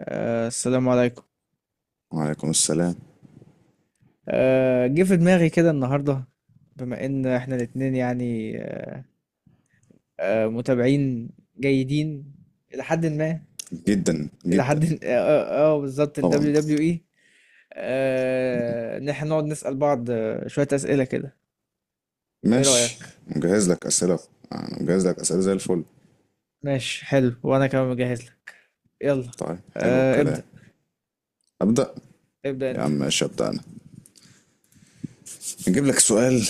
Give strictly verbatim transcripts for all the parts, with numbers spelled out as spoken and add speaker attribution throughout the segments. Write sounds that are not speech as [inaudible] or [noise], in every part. Speaker 1: آه السلام عليكم.
Speaker 2: وعليكم السلام.
Speaker 1: آه جه في دماغي كده النهارده، بما ان احنا الاتنين يعني آه متابعين، جيدين، الى حد ما.
Speaker 2: جدا
Speaker 1: الى
Speaker 2: جدا.
Speaker 1: حد [laughs] اه, آه, آه بالظبط ال
Speaker 2: طبعا.
Speaker 1: دبليو دبليو اي. آه ان احنا نقعد نسأل بعض آه، شوية أسئلة كده. ايه
Speaker 2: ماشي.
Speaker 1: رأيك؟
Speaker 2: مجهز لك أسئلة. أنا مجهز لك أسئلة زي الفل.
Speaker 1: ماشي حلو، وانا كمان مجهز لك. يلا.
Speaker 2: طيب حلو
Speaker 1: آه
Speaker 2: الكلام.
Speaker 1: ابدأ.
Speaker 2: أبدأ.
Speaker 1: ابدأ
Speaker 2: يا
Speaker 1: انت.
Speaker 2: عم ماشي أبدأ أنا. نجيب لك سؤال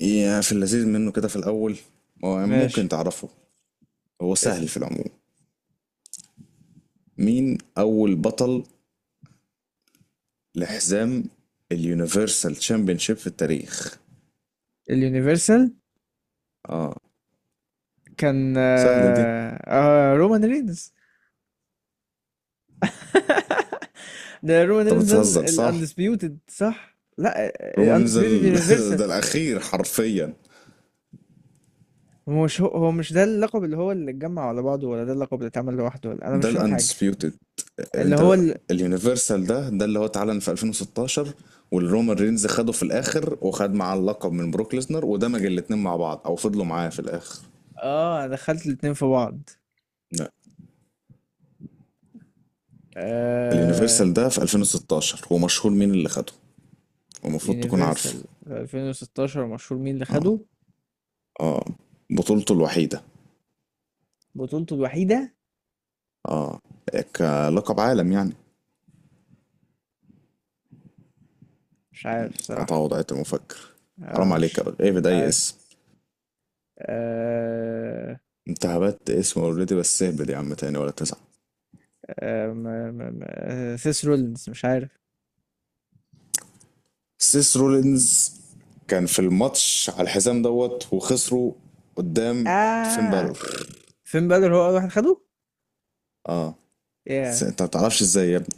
Speaker 2: يا في اللذيذ منه كده في الأول. هو ممكن
Speaker 1: ماشي،
Speaker 2: تعرفه. هو سهل
Speaker 1: بس.
Speaker 2: في العموم. مين أول بطل لحزام اليونيفرسال تشامبيونشيب في التاريخ؟
Speaker 1: اليونيفرسال
Speaker 2: اه.
Speaker 1: كان
Speaker 2: سهلة دي.
Speaker 1: آه آه رومان رينز. ده رومان
Speaker 2: انت
Speaker 1: رينز ده.
Speaker 2: بتهزر صح؟
Speaker 1: الاندسبيوتد، صح؟ لا.
Speaker 2: رومان رينز
Speaker 1: الاندسبيوتد
Speaker 2: ال- [laughs]
Speaker 1: يونيفرسال.
Speaker 2: ده الأخير حرفيا.
Speaker 1: هو مش هو, هو مش ده اللقب اللي هو اللي اتجمع على بعضه، ولا ده اللقب اللي اتعمل لوحده، ولا انا
Speaker 2: ده
Speaker 1: مش فاهم حاجه.
Speaker 2: الاندسبيوتد.
Speaker 1: اللي هو
Speaker 2: انت
Speaker 1: ال...
Speaker 2: اليونيفرسال ده ده اللي هو اتعلن في ألفين وستاشر، والرومان رينز خده في الاخر وخد معاه اللقب من بروك ليسنر ودمج الاتنين مع بعض او فضلوا معاه في الاخر.
Speaker 1: اه انا دخلت الاتنين في بعض.
Speaker 2: لا.
Speaker 1: آه...
Speaker 2: اليونيفرسال ده في ألفين وستاشر، ومشهور مين اللي خده؟ المفروض تكون عارفه.
Speaker 1: يونيفرسال في ألفين وستة عشر مشهور مين اللي
Speaker 2: اه.
Speaker 1: خده؟
Speaker 2: اه. بطولته الوحيدة.
Speaker 1: بطولته الوحيده.
Speaker 2: اه. كلقب عالم يعني.
Speaker 1: مش عارف
Speaker 2: عطاها
Speaker 1: صراحه.
Speaker 2: وضعية المفكر.
Speaker 1: آه
Speaker 2: حرام عليك يا
Speaker 1: مش
Speaker 2: راجل، ايه
Speaker 1: مش
Speaker 2: بدأي
Speaker 1: عارف.
Speaker 2: اسم؟
Speaker 1: آه...
Speaker 2: انت هبت اسم اوريدي، بس اهبد يا عم تاني ولا تزعل.
Speaker 1: آه... ما... ما... ما... آه... سيس رولينز، مش عارف.
Speaker 2: سيس رولينز كان في الماتش على الحزام دوت وخسروا قدام فين
Speaker 1: اه
Speaker 2: بالور.
Speaker 1: فين بدر هو اول واحد خده؟
Speaker 2: اه. س-
Speaker 1: ياه.
Speaker 2: انت ما تعرفش ازاي يا ابني؟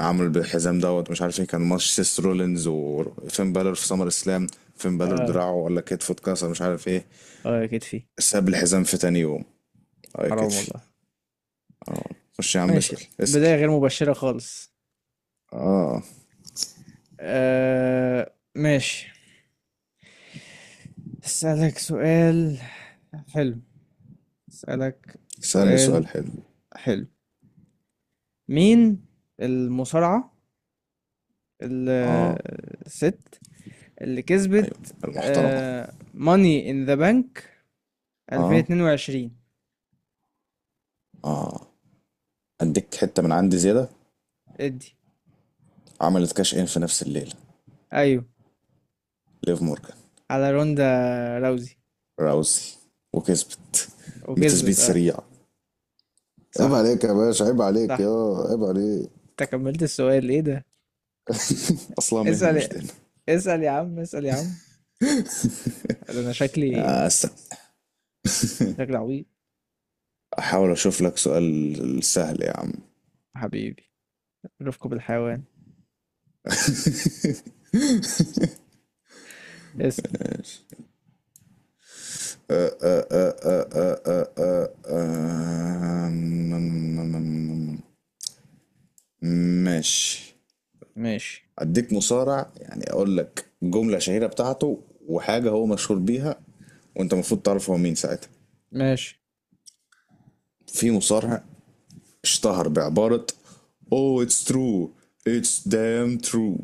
Speaker 2: عمل بالحزام دوت مش عارف ايه، كان ماتش سيس رولينز وفين بالور في سمر اسلام. فين بالور
Speaker 1: اه.
Speaker 2: دراعه ولا كتفه اتكسر مش عارف ايه،
Speaker 1: اه يا كتفي.
Speaker 2: ساب الحزام في تاني يوم. اه يا
Speaker 1: حرام
Speaker 2: كتفي.
Speaker 1: والله.
Speaker 2: اه. خش يا عم
Speaker 1: ماشي.
Speaker 2: اسأل اسأل.
Speaker 1: بداية غير مبشرة خالص.
Speaker 2: اه.
Speaker 1: آه ماشي. اسألك سؤال حلو. اسألك
Speaker 2: اسألني سؤال
Speaker 1: سؤال
Speaker 2: حلو.
Speaker 1: حلو. مين المصارعة
Speaker 2: اه.
Speaker 1: الست اللي
Speaker 2: ايوه.
Speaker 1: كسبت
Speaker 2: المحترمة.
Speaker 1: ماني ان ذا بانك
Speaker 2: اه.
Speaker 1: ألفين واتنين وعشرين؟
Speaker 2: اه. اديك حتة من عندي زيادة.
Speaker 1: ادي.
Speaker 2: عملت كاش ان في نفس الليلة،
Speaker 1: ايوه،
Speaker 2: ليف مورجان،
Speaker 1: على روندا راوزي.
Speaker 2: راوسي. وكسبت بتثبيت
Speaker 1: وكسبت. اه.
Speaker 2: سريع. عيب
Speaker 1: صح.
Speaker 2: عليك يا باشا، عيب عليك
Speaker 1: صح.
Speaker 2: يا عيب عليك.
Speaker 1: انت كملت السؤال؟ ايه ده؟
Speaker 2: اصلها مهنة
Speaker 1: اسأل.
Speaker 2: مش دين.
Speaker 1: اسأل يا عم، اسأل يا عم. ده انا شكلي،
Speaker 2: يا أسا
Speaker 1: شكلي عبيط.
Speaker 2: احاول اشوف لك سؤال سهل يا عم. [laughs]
Speaker 1: حبيبي، رفقة بالحيوان. اسأل.
Speaker 2: آه، آه، م- م- م- ماشي.
Speaker 1: ماشي.
Speaker 2: اديك مصارع، يعني اقول لك جملة شهيرة بتاعته وحاجة هو مشهور بيها وانت المفروض تعرف هو مين ساعتها.
Speaker 1: ماشي.
Speaker 2: في مصارع اشتهر بعبارة Oh it's true, it's damn true.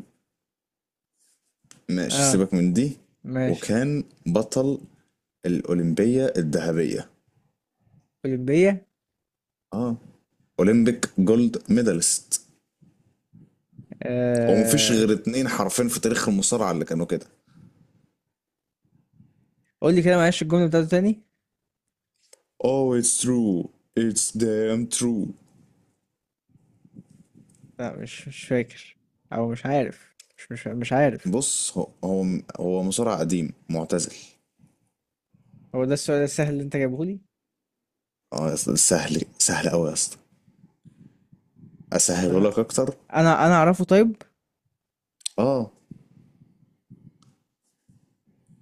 Speaker 2: ماشي
Speaker 1: اه.
Speaker 2: سيبك من دي.
Speaker 1: ماشي.
Speaker 2: وكان بطل الأولمبية الذهبية.
Speaker 1: أولمبية.
Speaker 2: اه. أولمبيك جولد ميدالست. ومفيش
Speaker 1: آه.
Speaker 2: غير اتنين حرفين في تاريخ المصارعة اللي كانوا كده.
Speaker 1: قول لي كده معلش الجملة بتاعته تاني.
Speaker 2: Oh it's true, it's damn true.
Speaker 1: لا، مش مش فاكر. او مش عارف، مش مش مش عارف.
Speaker 2: بص هو هو هو مصارع قديم معتزل.
Speaker 1: هو ده السؤال السهل اللي انت جايبه لي؟
Speaker 2: اه يا اسطى، سهل سهل قوي يا اسطى، اسهله
Speaker 1: بصراحة،
Speaker 2: لك اكتر.
Speaker 1: انا انا اعرفه طيب.
Speaker 2: اه.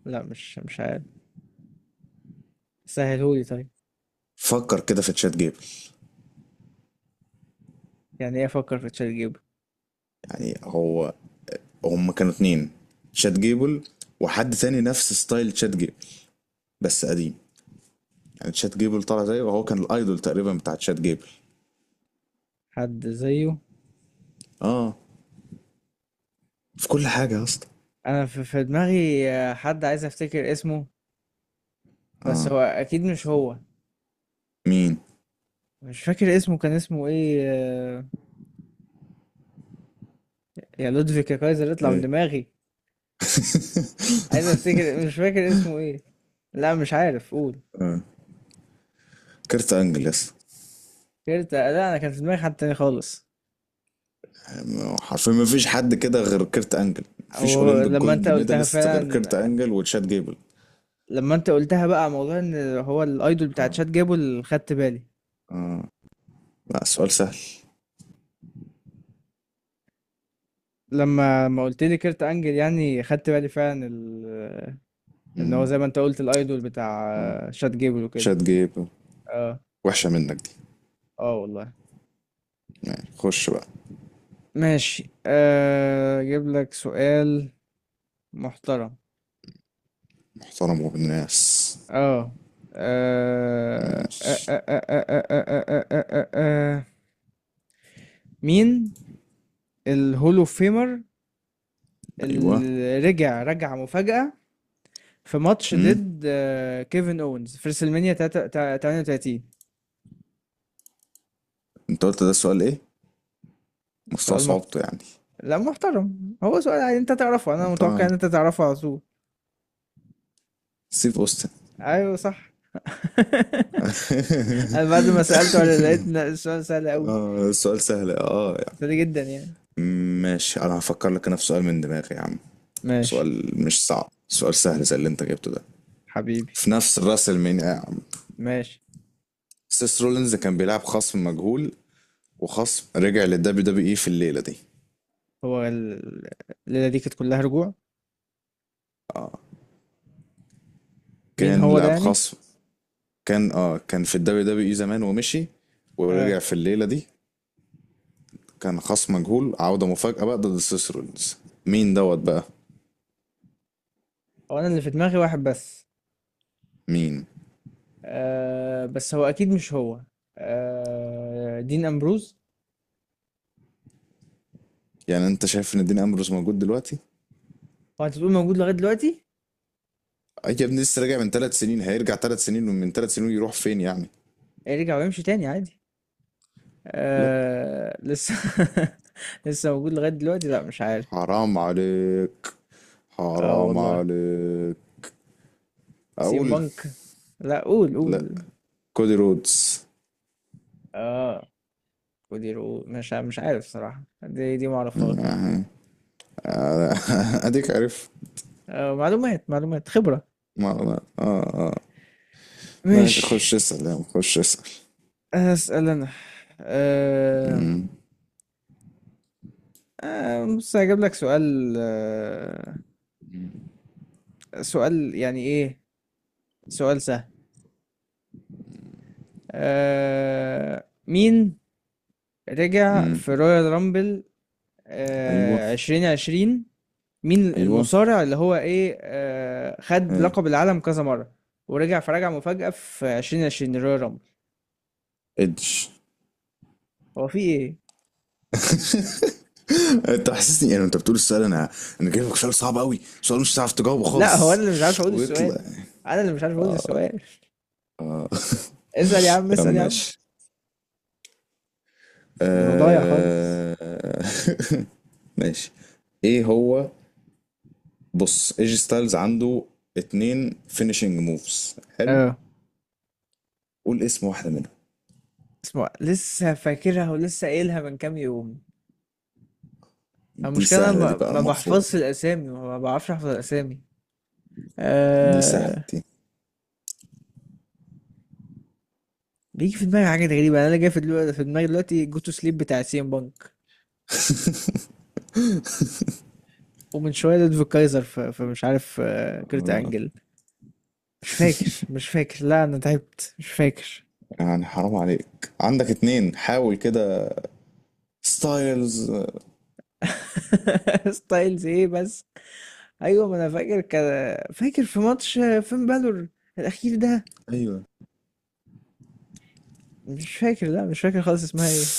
Speaker 1: لا، مش مش عارف. سهلهولي طيب.
Speaker 2: فكر كده في تشات جيبت.
Speaker 1: يعني ايه افكر في تشات جيب؟
Speaker 2: يعني هو هم كانوا اتنين، تشات جيبل وحد تاني نفس ستايل تشات جيبل بس قديم. يعني تشات جيبل طلع زيه، وهو كان الايدول تقريبا بتاع تشات جيبل.
Speaker 1: حد زيه؟
Speaker 2: اه، في كل حاجه يا اسطى.
Speaker 1: انا في في دماغي آه، حد عايز افتكر اسمه، بس هو اكيد مش هو.
Speaker 2: مين؟
Speaker 1: مش فاكر اسمه، كان اسمه ايه آه، يا لودفيك، يا كايزر، اطلع من
Speaker 2: ايه؟
Speaker 1: دماغي. عايز افتكر مش فاكر اسمه ايه. لا مش عارف، قول.
Speaker 2: كيرت انجل يا اسطى.
Speaker 1: كيرتا، لا انا كان في دماغي حد تاني خالص.
Speaker 2: يعني حرفيا ما فيش حد كده غير كيرت انجل. مفيش
Speaker 1: هو
Speaker 2: اولمبيك
Speaker 1: لما انت
Speaker 2: جولد
Speaker 1: قلتها
Speaker 2: ميداليست غير كيرت
Speaker 1: فعلا،
Speaker 2: انجل وتشات جيبل.
Speaker 1: لما انت قلتها بقى موضوع ان هو الايدول بتاع
Speaker 2: اه.
Speaker 1: تشات جابه اللي خدت بالي.
Speaker 2: اه. لا سؤال سهل.
Speaker 1: لما ما قلت لي كيرت انجل يعني خدت بالي فعلا ال... ان هو
Speaker 2: مم.
Speaker 1: زي ما انت قلت الايدول
Speaker 2: اه.
Speaker 1: بتاع شات جيبل وكده.
Speaker 2: تشات جيبل.
Speaker 1: اه.
Speaker 2: وحشه منك دي.
Speaker 1: اه والله.
Speaker 2: ماشي خش بقى.
Speaker 1: ماشي، آه، اجيب لك سؤال محترم.
Speaker 2: محترم وبالناس.
Speaker 1: اه. آه، آه،
Speaker 2: ماشي.
Speaker 1: آه، آه، آه، آه، آه، آه، آه، آه. آه، آه، آه، مين الهولو فيمر
Speaker 2: ايوه.
Speaker 1: اللي رجع رجع مفاجأة في ماتش
Speaker 2: امم.
Speaker 1: ضد آه، كيفن اونز في ريسلمانيا تمنية وتلاتين؟
Speaker 2: انت قلت ده السؤال ايه، مستوى
Speaker 1: سؤال محترم.
Speaker 2: صعوبته يعني.
Speaker 1: لا محترم، هو سؤال عادي، انت تعرفه،
Speaker 2: ما
Speaker 1: انا
Speaker 2: انت.
Speaker 1: متوقع ان انت تعرفه على طول.
Speaker 2: سيف اوستن.
Speaker 1: ايوه صح. [laughs]
Speaker 2: [laughs]
Speaker 1: انا بعد ما سألته على لقيت إن السؤال سهل قوي.
Speaker 2: اه السؤال سهل اه
Speaker 1: سهل
Speaker 2: يعني.
Speaker 1: جدا يعني.
Speaker 2: ماشي، انا هفكر لك انا في سؤال من دماغي يا عم.
Speaker 1: ماشي.
Speaker 2: سؤال مش صعب، سؤال سهل زي اللي انت جبته ده.
Speaker 1: حبيبي.
Speaker 2: في نفس الراس المين يا عم.
Speaker 1: ماشي.
Speaker 2: سيس رولينز كان بيلعب خصم مجهول، وخصم رجع للدبليو دبليو اي في الليله دي.
Speaker 1: هو ال- الليلة دي كانت كلها رجوع. مين
Speaker 2: كان
Speaker 1: هو ده
Speaker 2: لاعب
Speaker 1: يعني؟
Speaker 2: خصم. كان اه كان في الدبليو دبليو اي زمان ومشي، ورجع
Speaker 1: اه.
Speaker 2: في الليله دي. كان خصم مجهول، عودة مفاجأة بقى ضد سيس رولينز. مين دوت بقى؟
Speaker 1: هو انا اللي في دماغي واحد بس.
Speaker 2: مين؟
Speaker 1: آه بس هو اكيد مش هو. آه دين امبروز.
Speaker 2: يعني انت شايف ان دين امبروز موجود دلوقتي؟
Speaker 1: هو انت بتقول موجود لغاية دلوقتي؟
Speaker 2: اي يا ابني، لسه راجع من ثلاث سنين، هيرجع ثلاث سنين ومن ثلاث سنين يروح فين يعني؟
Speaker 1: يرجع ويمشي تاني عادي.
Speaker 2: لا.
Speaker 1: آه لسه. [laughs] لسه موجود لغاية دلوقتي؟ لا مش عارف.
Speaker 2: حرام عليك،
Speaker 1: اه
Speaker 2: حرام
Speaker 1: والله.
Speaker 2: عليك.
Speaker 1: سيم
Speaker 2: اقول.
Speaker 1: بانك. لا، قول
Speaker 2: لا،
Speaker 1: قول.
Speaker 2: كودي رودز.
Speaker 1: اه. ودي رؤوس، مش ع- مش عارف صراحة، دي دي معرفهاش.
Speaker 2: يعني. [laughs] اديك عارف.
Speaker 1: آه معلومات، معلومات، خبرة.
Speaker 2: ما ما اه اه ماشي،
Speaker 1: ماشي.
Speaker 2: خش اسأل يا عم، خش اسأل.
Speaker 1: أسأل أنا. أه
Speaker 2: امم.
Speaker 1: أه بص هجيب لك سؤال، أه سؤال يعني إيه؟ سؤال سهل. أه مين رجع
Speaker 2: امم.
Speaker 1: في رويال رامبل
Speaker 2: ايوه.
Speaker 1: أه عشرين عشرين؟ مين
Speaker 2: ايوه.
Speaker 1: المصارع اللي هو إيه أه خد
Speaker 2: ايه.
Speaker 1: لقب العالم كذا مرة ورجع فرجع مفاجأة في عشرين عشرين رويال رامبل؟
Speaker 2: ادج.
Speaker 1: هو في إيه؟
Speaker 2: [laughs] انت حسسني يعني انت بتقول السؤال، انا انا جايب لك سؤال صعب قوي، سؤال مش هتعرف تجاوبه
Speaker 1: لا هو أنا
Speaker 2: خالص
Speaker 1: اللي مش عارف أقول
Speaker 2: ويطلع.
Speaker 1: السؤال. أنا اللي مش عارف أقول السؤال. [laughs] اسأل يا عم،
Speaker 2: يا عم
Speaker 1: اسأل يا عم.
Speaker 2: ماشي.
Speaker 1: ده أنا ضايع خالص.
Speaker 2: آه... [laughs] ماشي. ايه هو؟ بص ايجي ستايلز عنده اتنين فينيشنج موفز حلو،
Speaker 1: اه.
Speaker 2: قول اسم واحدة منهم.
Speaker 1: اسمه لسه فاكرها، ولسه قايلها من كام يوم.
Speaker 2: دي
Speaker 1: المشكلة أنا
Speaker 2: سهلة دي
Speaker 1: ما
Speaker 2: بقى
Speaker 1: ما
Speaker 2: المفروض.
Speaker 1: بحفظش الأسامي، ما بعرفش أحفظ الأسامي.
Speaker 2: دي سهلة
Speaker 1: أه...
Speaker 2: دي.
Speaker 1: بيجي في دماغي حاجات غريبة، يعني أنا اللي جاي في دلوقتي في دماغي دلوقتي جو تو سليب بتاع سي ام بانك، ومن شوية لودفيج كايزر في... في مش عارف آه، كريت أنجل. مش فاكر، مش فاكر، لا أنا تعبت مش فاكر.
Speaker 2: يعني حرام عليك، عندك اتنين حاول كده. ستايلز.
Speaker 1: [laughs] ستايلز إيه بس؟ أيوة، ما أنا فاكر كده، فاكر في ماتش آه، فين بالور الأخير ده.
Speaker 2: ايوه.
Speaker 1: مش فاكر، لا مش فاكر خالص، اسمها إيه؟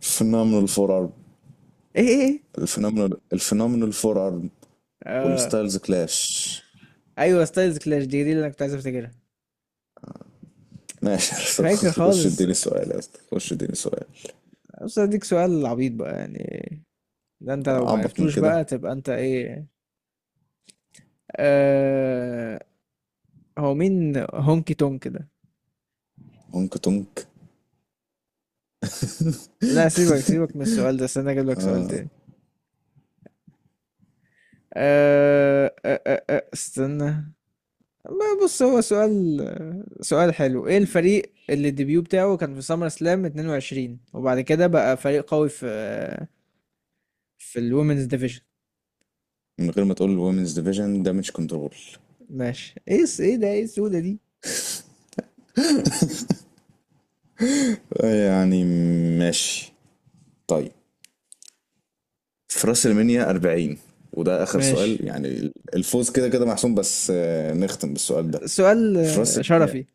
Speaker 2: فينومينال فور ارم.
Speaker 1: إيه إيه إيه؟
Speaker 2: الفينومينال الفينومينال فور ارم.
Speaker 1: آه.
Speaker 2: والستايلز كلاش.
Speaker 1: ايوه، ستايلز كلاش، دي دي اللي انا كنت عايز افتكرها.
Speaker 2: ماشي.
Speaker 1: مش فاكر
Speaker 2: [laughs] خش
Speaker 1: خالص.
Speaker 2: اديني سؤال يا اسطى، خش اديني سؤال.
Speaker 1: بس اديك سؤال عبيط بقى يعني، ده انت لو
Speaker 2: اعبط من
Speaker 1: معرفتوش
Speaker 2: كده؟
Speaker 1: بقى تبقى انت ايه؟ آه هو مين هونكي تونك ده؟
Speaker 2: هونك تونك.
Speaker 1: لا سيبك
Speaker 2: [laughs]
Speaker 1: سيبك من السؤال ده، استنى اجيب لك سؤال تاني. آه آه آه آه استنى. ما بص هو سؤال، سؤال حلو. ايه الفريق اللي الديبيو بتاعه كان في سمر سلام اتنين وعشرين وبعد كده بقى فريق قوي في في الومنز ديفيجن؟
Speaker 2: من غير ما تقول الومنز ديفيجن، دامج كنترول.
Speaker 1: ماشي. ايه الس- ايه ده، ايه السودة دي؟
Speaker 2: يعني ماشي طيب. في راس المنيا أربعين، وده اخر سؤال
Speaker 1: ماشي،
Speaker 2: يعني، الفوز كده كده محسوم، بس آه، نختم بالسؤال ده.
Speaker 1: سؤال
Speaker 2: في راس
Speaker 1: آه،
Speaker 2: المنيا
Speaker 1: شرفي.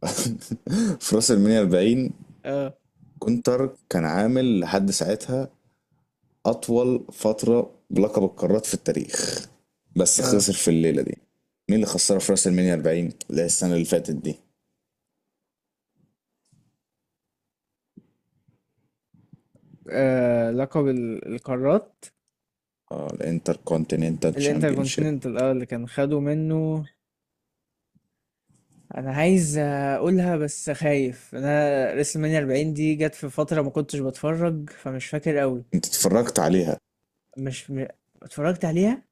Speaker 2: [laughs] في راس المنيا أربعين،
Speaker 1: اه.
Speaker 2: [laughs] كونتر كان عامل لحد ساعتها أطول فترة بلقب القارات في التاريخ، بس
Speaker 1: اه.
Speaker 2: خسر في الليلة دي. مين اللي خسرها في راس المنيا أربعين، اللي هي السنة اللي فاتت دي؟
Speaker 1: آه، لقب ال- القارات.
Speaker 2: اه، الانتر كونتيننتال تشامبيونشيب.
Speaker 1: الانتركونتيننتال، اه اللي كان خدوا منه. انا عايز اقولها بس خايف، انا ريسل مانيا اربعين دي جت في فتره ما كنتش بتفرج فمش فاكر قوي.
Speaker 2: انت اتفرجت عليها
Speaker 1: مش م... اتفرجت عليها.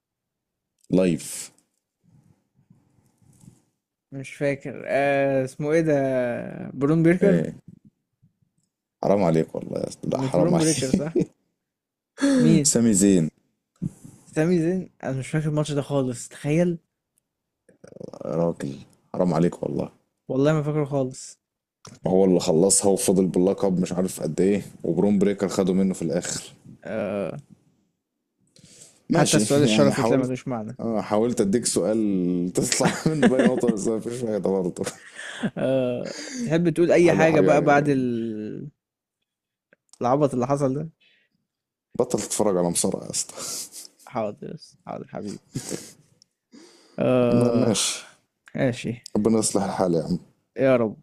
Speaker 2: لايف.
Speaker 1: مش فاكر آه اسمه ايه ده. برون بيركر.
Speaker 2: ايه؟ حرام عليك والله يا أسطى، لا
Speaker 1: مش
Speaker 2: حرام
Speaker 1: برون بريكر، صح؟
Speaker 2: عليك. [laughs]
Speaker 1: مين؟
Speaker 2: سامي زين.
Speaker 1: سامي زين، انا مش فاكر الماتش ده خالص، تخيل.
Speaker 2: يا راجل حرام عليك والله.
Speaker 1: والله ما فاكره خالص.
Speaker 2: ما هو اللي خلصها وفضل باللقب مش عارف قد ايه، وبرون بريكر خده منه في الاخر.
Speaker 1: آه حتى
Speaker 2: ماشي.
Speaker 1: السؤال
Speaker 2: [laughs] يعني
Speaker 1: الشرفي طلع
Speaker 2: حاولت.
Speaker 1: ملوش معنى.
Speaker 2: اه، حاولت اديك سؤال تطلع [laughs] منه باي نقطة،
Speaker 1: [laughs]
Speaker 2: بس مفيش فايدة برضه.
Speaker 1: آه، تحب تقول اي
Speaker 2: هلا حق
Speaker 1: حاجة بقى
Speaker 2: يعني.
Speaker 1: بعد ال- العبط اللي حصل ده؟
Speaker 2: بطل تتفرج على مصارعة يا اسطى.
Speaker 1: حاضر. حاضر حبيبي.
Speaker 2: ما-
Speaker 1: آه
Speaker 2: ماشي.
Speaker 1: ماشي.
Speaker 2: ربنا يصلح الحال يعني.
Speaker 1: يا رب.